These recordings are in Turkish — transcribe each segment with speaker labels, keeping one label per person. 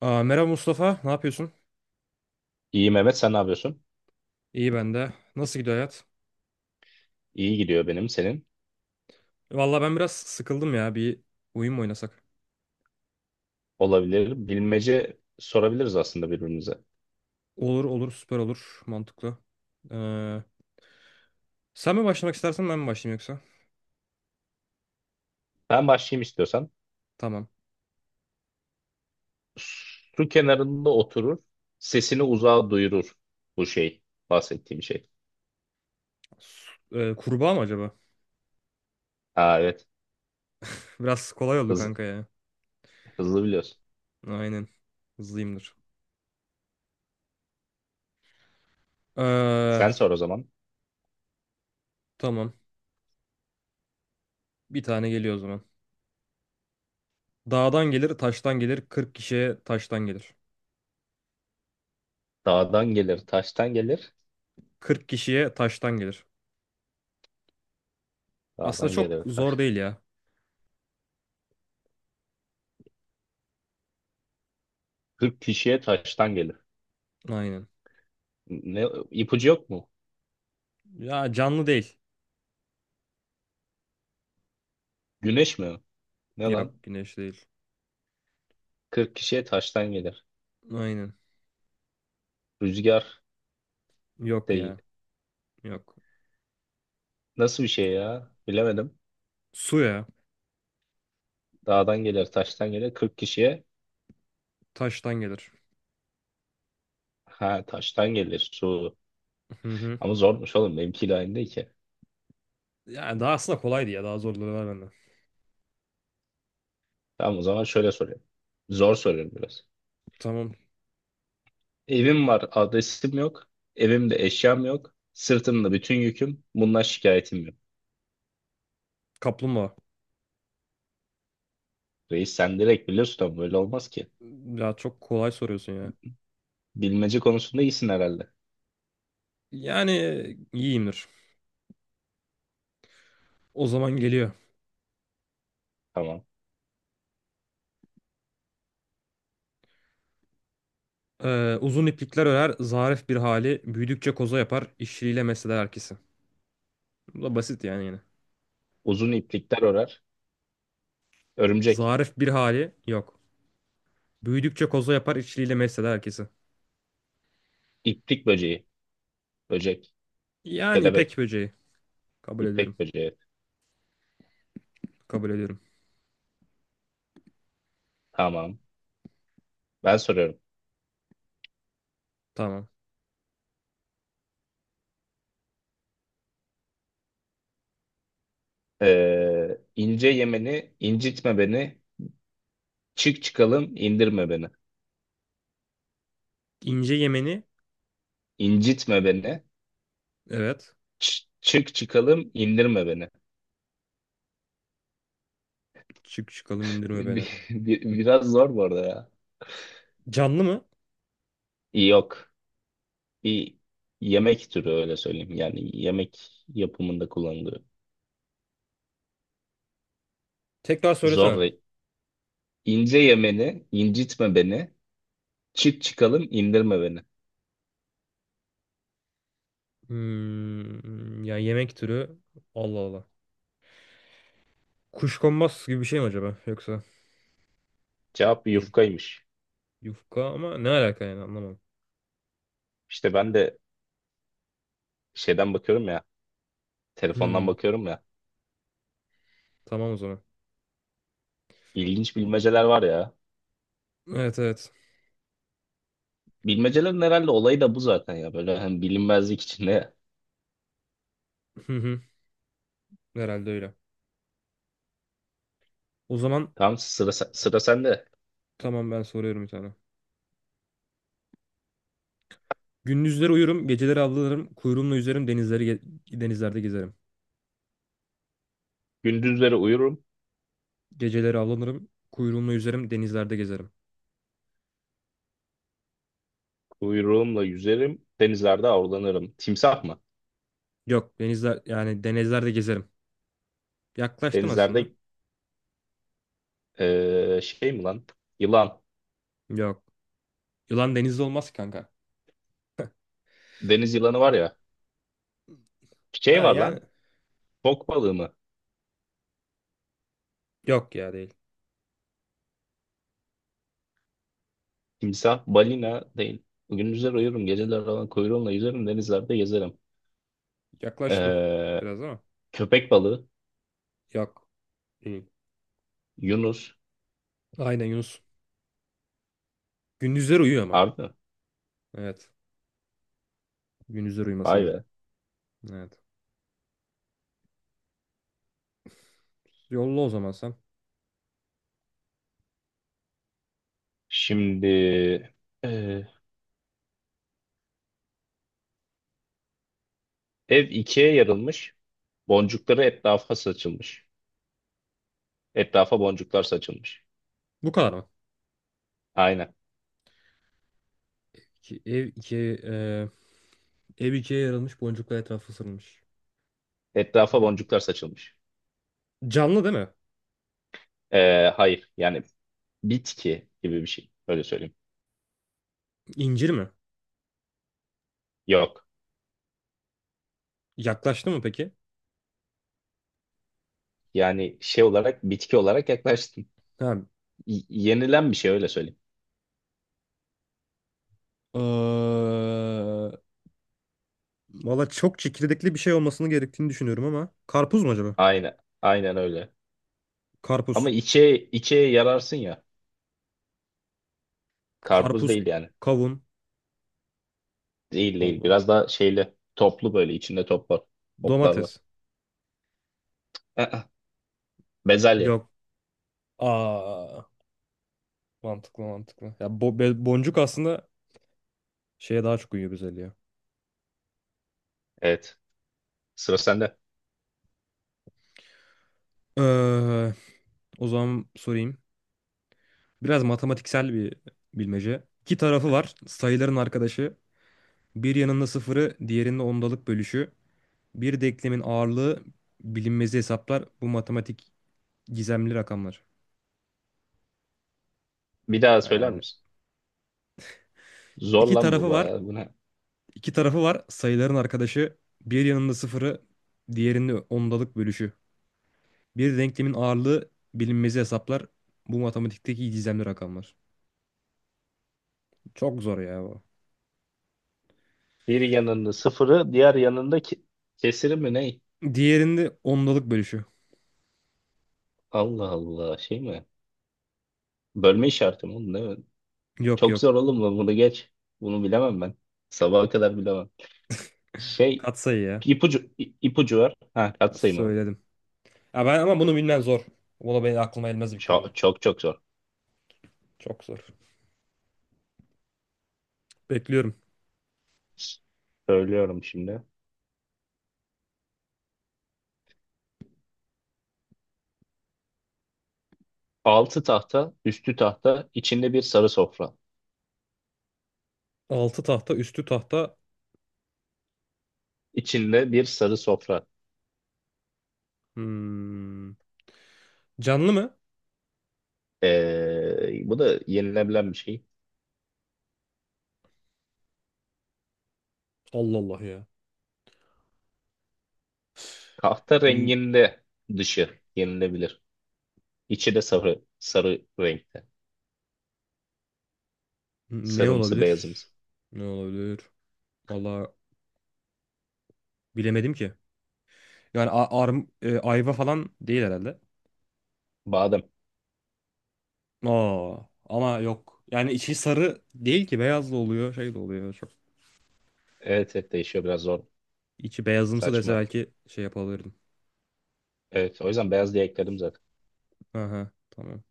Speaker 1: Aa, merhaba Mustafa, ne yapıyorsun?
Speaker 2: İyi Mehmet, sen ne yapıyorsun?
Speaker 1: İyi ben de. Nasıl gidiyor hayat?
Speaker 2: İyi gidiyor benim senin.
Speaker 1: Valla ben biraz sıkıldım ya. Bir oyun mu oynasak?
Speaker 2: Olabilir. Bilmece sorabiliriz aslında birbirimize.
Speaker 1: Olur olur, süper olur. Mantıklı. Ee, Sen mi başlamak istersen ben mi başlayayım yoksa?
Speaker 2: Ben başlayayım istiyorsan.
Speaker 1: Tamam.
Speaker 2: Su kenarında oturur. Sesini uzağa duyurur. Bu şey. Bahsettiğim şey.
Speaker 1: Kurbağa mı acaba?
Speaker 2: Ha, evet.
Speaker 1: Biraz kolay oldu
Speaker 2: Hız,
Speaker 1: kanka ya.
Speaker 2: Hızlı biliyorsun.
Speaker 1: Aynen. Hızlıyımdır. Ee,
Speaker 2: Sen sor o zaman.
Speaker 1: tamam. Bir tane geliyor o zaman. Dağdan gelir, taştan gelir. 40 kişiye taştan gelir.
Speaker 2: Dağdan gelir, taştan gelir.
Speaker 1: 40 kişiye taştan gelir. Aslında
Speaker 2: Dağdan
Speaker 1: çok
Speaker 2: gelir,
Speaker 1: zor
Speaker 2: taş.
Speaker 1: değil ya.
Speaker 2: Kırk kişiye taştan gelir.
Speaker 1: Aynen.
Speaker 2: Ne, ipucu yok mu?
Speaker 1: Ya canlı değil.
Speaker 2: Güneş mi? Ne lan?
Speaker 1: Yok, güneş değil.
Speaker 2: Kırk kişiye taştan gelir.
Speaker 1: Aynen.
Speaker 2: Rüzgar
Speaker 1: Yok ya.
Speaker 2: değil.
Speaker 1: Yok.
Speaker 2: Nasıl bir şey ya? Bilemedim.
Speaker 1: Su ya.
Speaker 2: Dağdan gelir, taştan gelir. 40 kişiye
Speaker 1: Taştan gelir.
Speaker 2: ha taştan gelir su.
Speaker 1: Hı hı.
Speaker 2: Ama zormuş oğlum, benimkiyle aynı değil ki.
Speaker 1: Yani daha aslında kolaydı ya. Daha zorları var bende.
Speaker 2: Tamam, o zaman şöyle soruyorum. Zor soruyorum biraz.
Speaker 1: Tamam.
Speaker 2: Evim var, adresim yok. Evimde eşyam yok. Sırtımda bütün yüküm. Bundan şikayetim yok.
Speaker 1: Kaplumbağa.
Speaker 2: Reis, sen direkt biliyorsun ama böyle olmaz ki.
Speaker 1: Ya çok kolay soruyorsun ya.
Speaker 2: Bilmece konusunda iyisin herhalde.
Speaker 1: Yani iyiyimdir. O zaman geliyor.
Speaker 2: Tamam.
Speaker 1: Uzun iplikler örer, zarif bir hali, büyüdükçe koza yapar, işçiliğiyle mesler herkesi. Bu da basit yani yine.
Speaker 2: Uzun iplikler örer. Örümcek.
Speaker 1: Zarif bir hali yok. Büyüdükçe koza yapar, işçiliğiyle mesler herkesi.
Speaker 2: İplik böceği. Böcek.
Speaker 1: Yani ipek
Speaker 2: Kelebek.
Speaker 1: böceği. Kabul ediyorum.
Speaker 2: İpek böceği.
Speaker 1: Kabul ediyorum.
Speaker 2: Tamam. Ben soruyorum.
Speaker 1: Tamam.
Speaker 2: İnce yemeni, incitme beni, çık çıkalım indirme beni.
Speaker 1: İnce yemeni,
Speaker 2: İncitme beni.
Speaker 1: evet.
Speaker 2: Çık çıkalım indirme beni.
Speaker 1: Çık çıkalım indirme beni.
Speaker 2: Biraz zor bu arada ya.
Speaker 1: Canlı mı?
Speaker 2: Yok. Bir yemek türü, öyle söyleyeyim. Yani yemek yapımında kullanılıyor.
Speaker 1: Tekrar
Speaker 2: Zor.
Speaker 1: söylesene.
Speaker 2: İnce yemeni, incitme beni. Çık çıkalım indirme beni.
Speaker 1: Hmm, yani yemek türü. Allah Allah. Kuşkonmaz gibi bir şey mi acaba? Yoksa
Speaker 2: Cevap
Speaker 1: değil.
Speaker 2: yufkaymış.
Speaker 1: Yufka ama ne alaka yani anlamadım.
Speaker 2: İşte ben de şeyden bakıyorum ya. Telefondan
Speaker 1: Hmm,
Speaker 2: bakıyorum ya.
Speaker 1: tamam o zaman.
Speaker 2: İlginç bilmeceler var ya.
Speaker 1: Evet evet.
Speaker 2: Bilmecelerin herhalde olayı da bu zaten ya. Böyle hani bilinmezlik içinde.
Speaker 1: Hı hı, herhalde öyle. O zaman
Speaker 2: Tamam, sıra sende.
Speaker 1: tamam, ben soruyorum bir tane. Gündüzleri uyurum, geceleri avlanırım, kuyruğumla yüzerim, denizlerde gezerim.
Speaker 2: Gündüzleri uyurum,
Speaker 1: Geceleri avlanırım, kuyruğumla yüzerim, denizlerde gezerim.
Speaker 2: uyruğumla yüzerim, denizlerde avlanırım. Timsah mı?
Speaker 1: Yok, denizler yani denizlerde gezerim. Yaklaştın aslında.
Speaker 2: Denizlerde şey mi lan? Yılan.
Speaker 1: Yok. Yılan denizde olmaz ki kanka.
Speaker 2: Deniz yılanı var ya. Şey
Speaker 1: Ha
Speaker 2: var
Speaker 1: yani
Speaker 2: lan. Fok balığı mı?
Speaker 1: yok ya, değil.
Speaker 2: Timsah, balina değil. Gündüzleri uyurum, geceler alan kuyruğumla yüzerim, denizlerde gezerim.
Speaker 1: Yaklaştın
Speaker 2: Eee,
Speaker 1: biraz ama.
Speaker 2: Köpek balığı,
Speaker 1: Yok. Değil.
Speaker 2: yunus.
Speaker 1: Aynen, yunus. Gündüzler uyuyor ama.
Speaker 2: Harbi mi?
Speaker 1: Evet. Gündüzler uyuması
Speaker 2: Vay
Speaker 1: lazım.
Speaker 2: be.
Speaker 1: Evet. Yolla o zaman sen.
Speaker 2: Şimdi eee, ev ikiye yarılmış. Boncukları etrafa saçılmış. Etrafa boncuklar saçılmış.
Speaker 1: Bu kadar mı?
Speaker 2: Aynen.
Speaker 1: Ev ikiye ev ikiye yarılmış, boncuklar etrafı sarılmış.
Speaker 2: Etrafa boncuklar saçılmış.
Speaker 1: Canlı değil mi?
Speaker 2: Hayır, yani bitki gibi bir şey. Öyle söyleyeyim.
Speaker 1: İncir mi?
Speaker 2: Yok.
Speaker 1: Yaklaştı mı peki?
Speaker 2: Yani şey olarak, bitki olarak yaklaştın.
Speaker 1: Tamam.
Speaker 2: Yenilen bir şey, öyle söyleyeyim.
Speaker 1: Eee, Valla çok çekirdekli bir şey olmasını gerektiğini düşünüyorum ama. Karpuz mu acaba?
Speaker 2: Aynen. Aynen öyle.
Speaker 1: Karpuz.
Speaker 2: Ama içe içe yararsın ya. Karpuz
Speaker 1: Karpuz,
Speaker 2: değil yani.
Speaker 1: kavun.
Speaker 2: Değil değil.
Speaker 1: Allah Allah.
Speaker 2: Biraz daha şeyli. Toplu böyle. İçinde top var. Toplar var.
Speaker 1: Domates.
Speaker 2: Aa, bezelye.
Speaker 1: Yok. Aa, mantıklı mantıklı. Ya boncuk aslında şeye daha çok uyuyor, güzel ya.
Speaker 2: Evet. Sıra sende.
Speaker 1: Ee, O zaman sorayım. Biraz matematiksel bir bilmece. İki tarafı var. Sayıların arkadaşı. Bir yanında sıfırı, diğerinde ondalık bölüşü. Bir denklemin ağırlığı bilinmezi hesaplar. Bu matematik gizemli rakamlar.
Speaker 2: Bir daha söyler
Speaker 1: Yani
Speaker 2: misin? Zor
Speaker 1: iki
Speaker 2: lan bu
Speaker 1: tarafı var.
Speaker 2: bayağı. Bu ne?
Speaker 1: İki tarafı var. Sayıların arkadaşı. Bir yanında sıfırı, diğerinde ondalık bölüşü. Bir denklemin ağırlığı bilinmezi hesaplar. Bu matematikteki gizemli rakamlar. Çok zor ya bu.
Speaker 2: Bir yanında sıfırı, diğer yanında kesiri mi ne?
Speaker 1: Diğerinde ondalık bölüşü.
Speaker 2: Allah Allah, şey mi? Bölme işareti mi oğlum, değil mi?
Speaker 1: Yok
Speaker 2: Çok zor
Speaker 1: yok.
Speaker 2: oğlum bu, bunu geç. Bunu bilemem ben. Sabaha kadar bilemem. Şey,
Speaker 1: Katsayı ya.
Speaker 2: ipucu ipucu var. Ha, katsayı mı?
Speaker 1: Söyledim. Ya ben ama bunu bilmem zor. Bunu benim aklıma elmez büyük ihtimalle.
Speaker 2: Çok çok çok zor.
Speaker 1: Çok zor. Bekliyorum.
Speaker 2: Söylüyorum şimdi. Altı tahta, üstü tahta, içinde bir sarı sofra.
Speaker 1: Altı tahta, üstü tahta.
Speaker 2: İçinde bir sarı sofra.
Speaker 1: Hmm. Canlı mı?
Speaker 2: Bu da yenilebilen bir şey.
Speaker 1: Allah Allah ya.
Speaker 2: Tahta
Speaker 1: Bil-
Speaker 2: renginde dışı yenilebilir. İçi de sarı, sarı renkte.
Speaker 1: ne
Speaker 2: Sarımsı,
Speaker 1: olabilir?
Speaker 2: beyazımsı.
Speaker 1: Ne olabilir? Valla bilemedim ki. Yani ayva falan değil herhalde.
Speaker 2: Badem.
Speaker 1: Oo, ama yok. Yani içi sarı değil ki, beyaz da oluyor, şey de oluyor. Çok
Speaker 2: Evet, evet, değişiyor biraz, zor.
Speaker 1: içi beyazımsı dese
Speaker 2: Saçma.
Speaker 1: belki şey yapabilirdim.
Speaker 2: Evet, o yüzden beyaz diye ekledim zaten.
Speaker 1: Aha, tamam.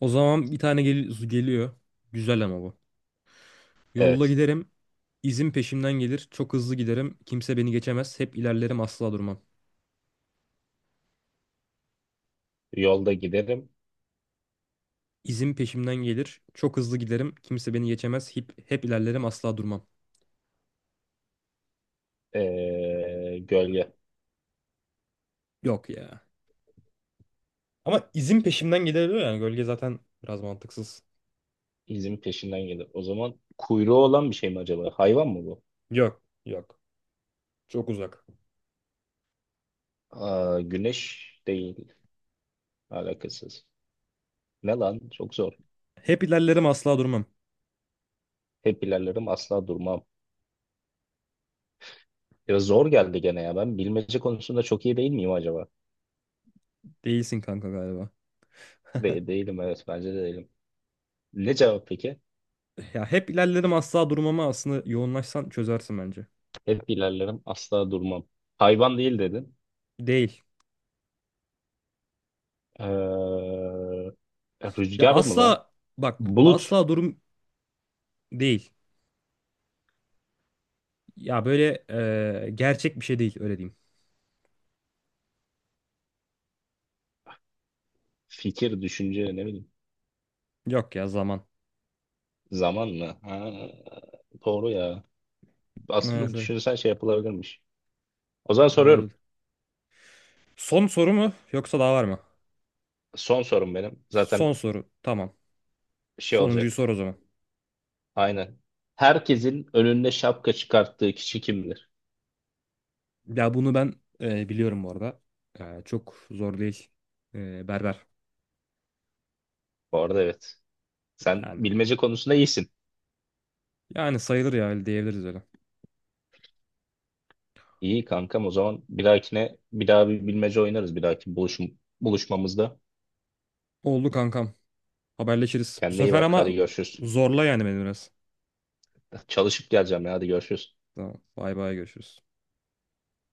Speaker 1: O zaman bir tane geliyor. Güzel ama bu. Yolda
Speaker 2: Evet,
Speaker 1: giderim. İzim peşimden gelir. Çok hızlı giderim. Kimse beni geçemez. Hep ilerlerim, asla durmam.
Speaker 2: yolda giderim.
Speaker 1: İzim peşimden gelir. Çok hızlı giderim. Kimse beni geçemez. Hep ilerlerim, asla durmam.
Speaker 2: Gölge
Speaker 1: Yok ya. Ama izim peşimden gelir diyor yani. Gölge zaten biraz mantıksız.
Speaker 2: izin peşinden gelir. O zaman kuyruğu olan bir şey mi acaba? Hayvan mı bu?
Speaker 1: Yok. Yok. Çok uzak.
Speaker 2: Aa, güneş değil, alakasız. Ne lan? Çok zor.
Speaker 1: Hep ilerlerim, asla durmam.
Speaker 2: Hep ilerlerim, asla durmam. Ya zor geldi gene ya. Ben bilmece konusunda çok iyi değil miyim acaba?
Speaker 1: Değilsin kanka galiba.
Speaker 2: De değilim, evet, bence de değilim. Ne cevap peki?
Speaker 1: Ya hep ilerlerim asla durmama aslında yoğunlaşsan çözersin bence.
Speaker 2: Hep ilerlerim, asla durmam. Hayvan değil dedin.
Speaker 1: Değil. Ya
Speaker 2: Rüzgar mı lan?
Speaker 1: asla Bak,
Speaker 2: Bulut.
Speaker 1: asla durum değil. Ya böyle gerçek bir şey değil, öyle diyeyim.
Speaker 2: Fikir, düşünce, ne bileyim.
Speaker 1: Yok ya, zaman.
Speaker 2: Zaman mı? Ha, doğru ya.
Speaker 1: Evet,
Speaker 2: Aslında
Speaker 1: evet.
Speaker 2: düşünsen şey yapılabilirmiş. O zaman soruyorum.
Speaker 1: Olabilir. Son soru mu yoksa daha var mı?
Speaker 2: Son sorum benim.
Speaker 1: Son
Speaker 2: Zaten
Speaker 1: soru, tamam.
Speaker 2: şey
Speaker 1: Sonuncuyu sor o
Speaker 2: olacak.
Speaker 1: zaman.
Speaker 2: Aynen. Herkesin önünde şapka çıkarttığı kişi kimdir?
Speaker 1: Ya bunu ben biliyorum bu arada. E, çok zor değil. E, berber
Speaker 2: Bu arada evet. Sen
Speaker 1: yani.
Speaker 2: bilmece konusunda iyisin.
Speaker 1: Yani sayılır ya, öyle diyebiliriz öyle.
Speaker 2: İyi kankam, o zaman bir dahakine bir daha bir bilmece oynarız, bir dahaki buluşmamızda.
Speaker 1: Oldu kankam. Haberleşiriz. Bu
Speaker 2: Kendine iyi
Speaker 1: sefer
Speaker 2: bak,
Speaker 1: ama
Speaker 2: hadi görüşürüz.
Speaker 1: zorla yani beni biraz.
Speaker 2: Çalışıp geleceğim ya, hadi görüşürüz.
Speaker 1: Tamam. Bay bay, görüşürüz.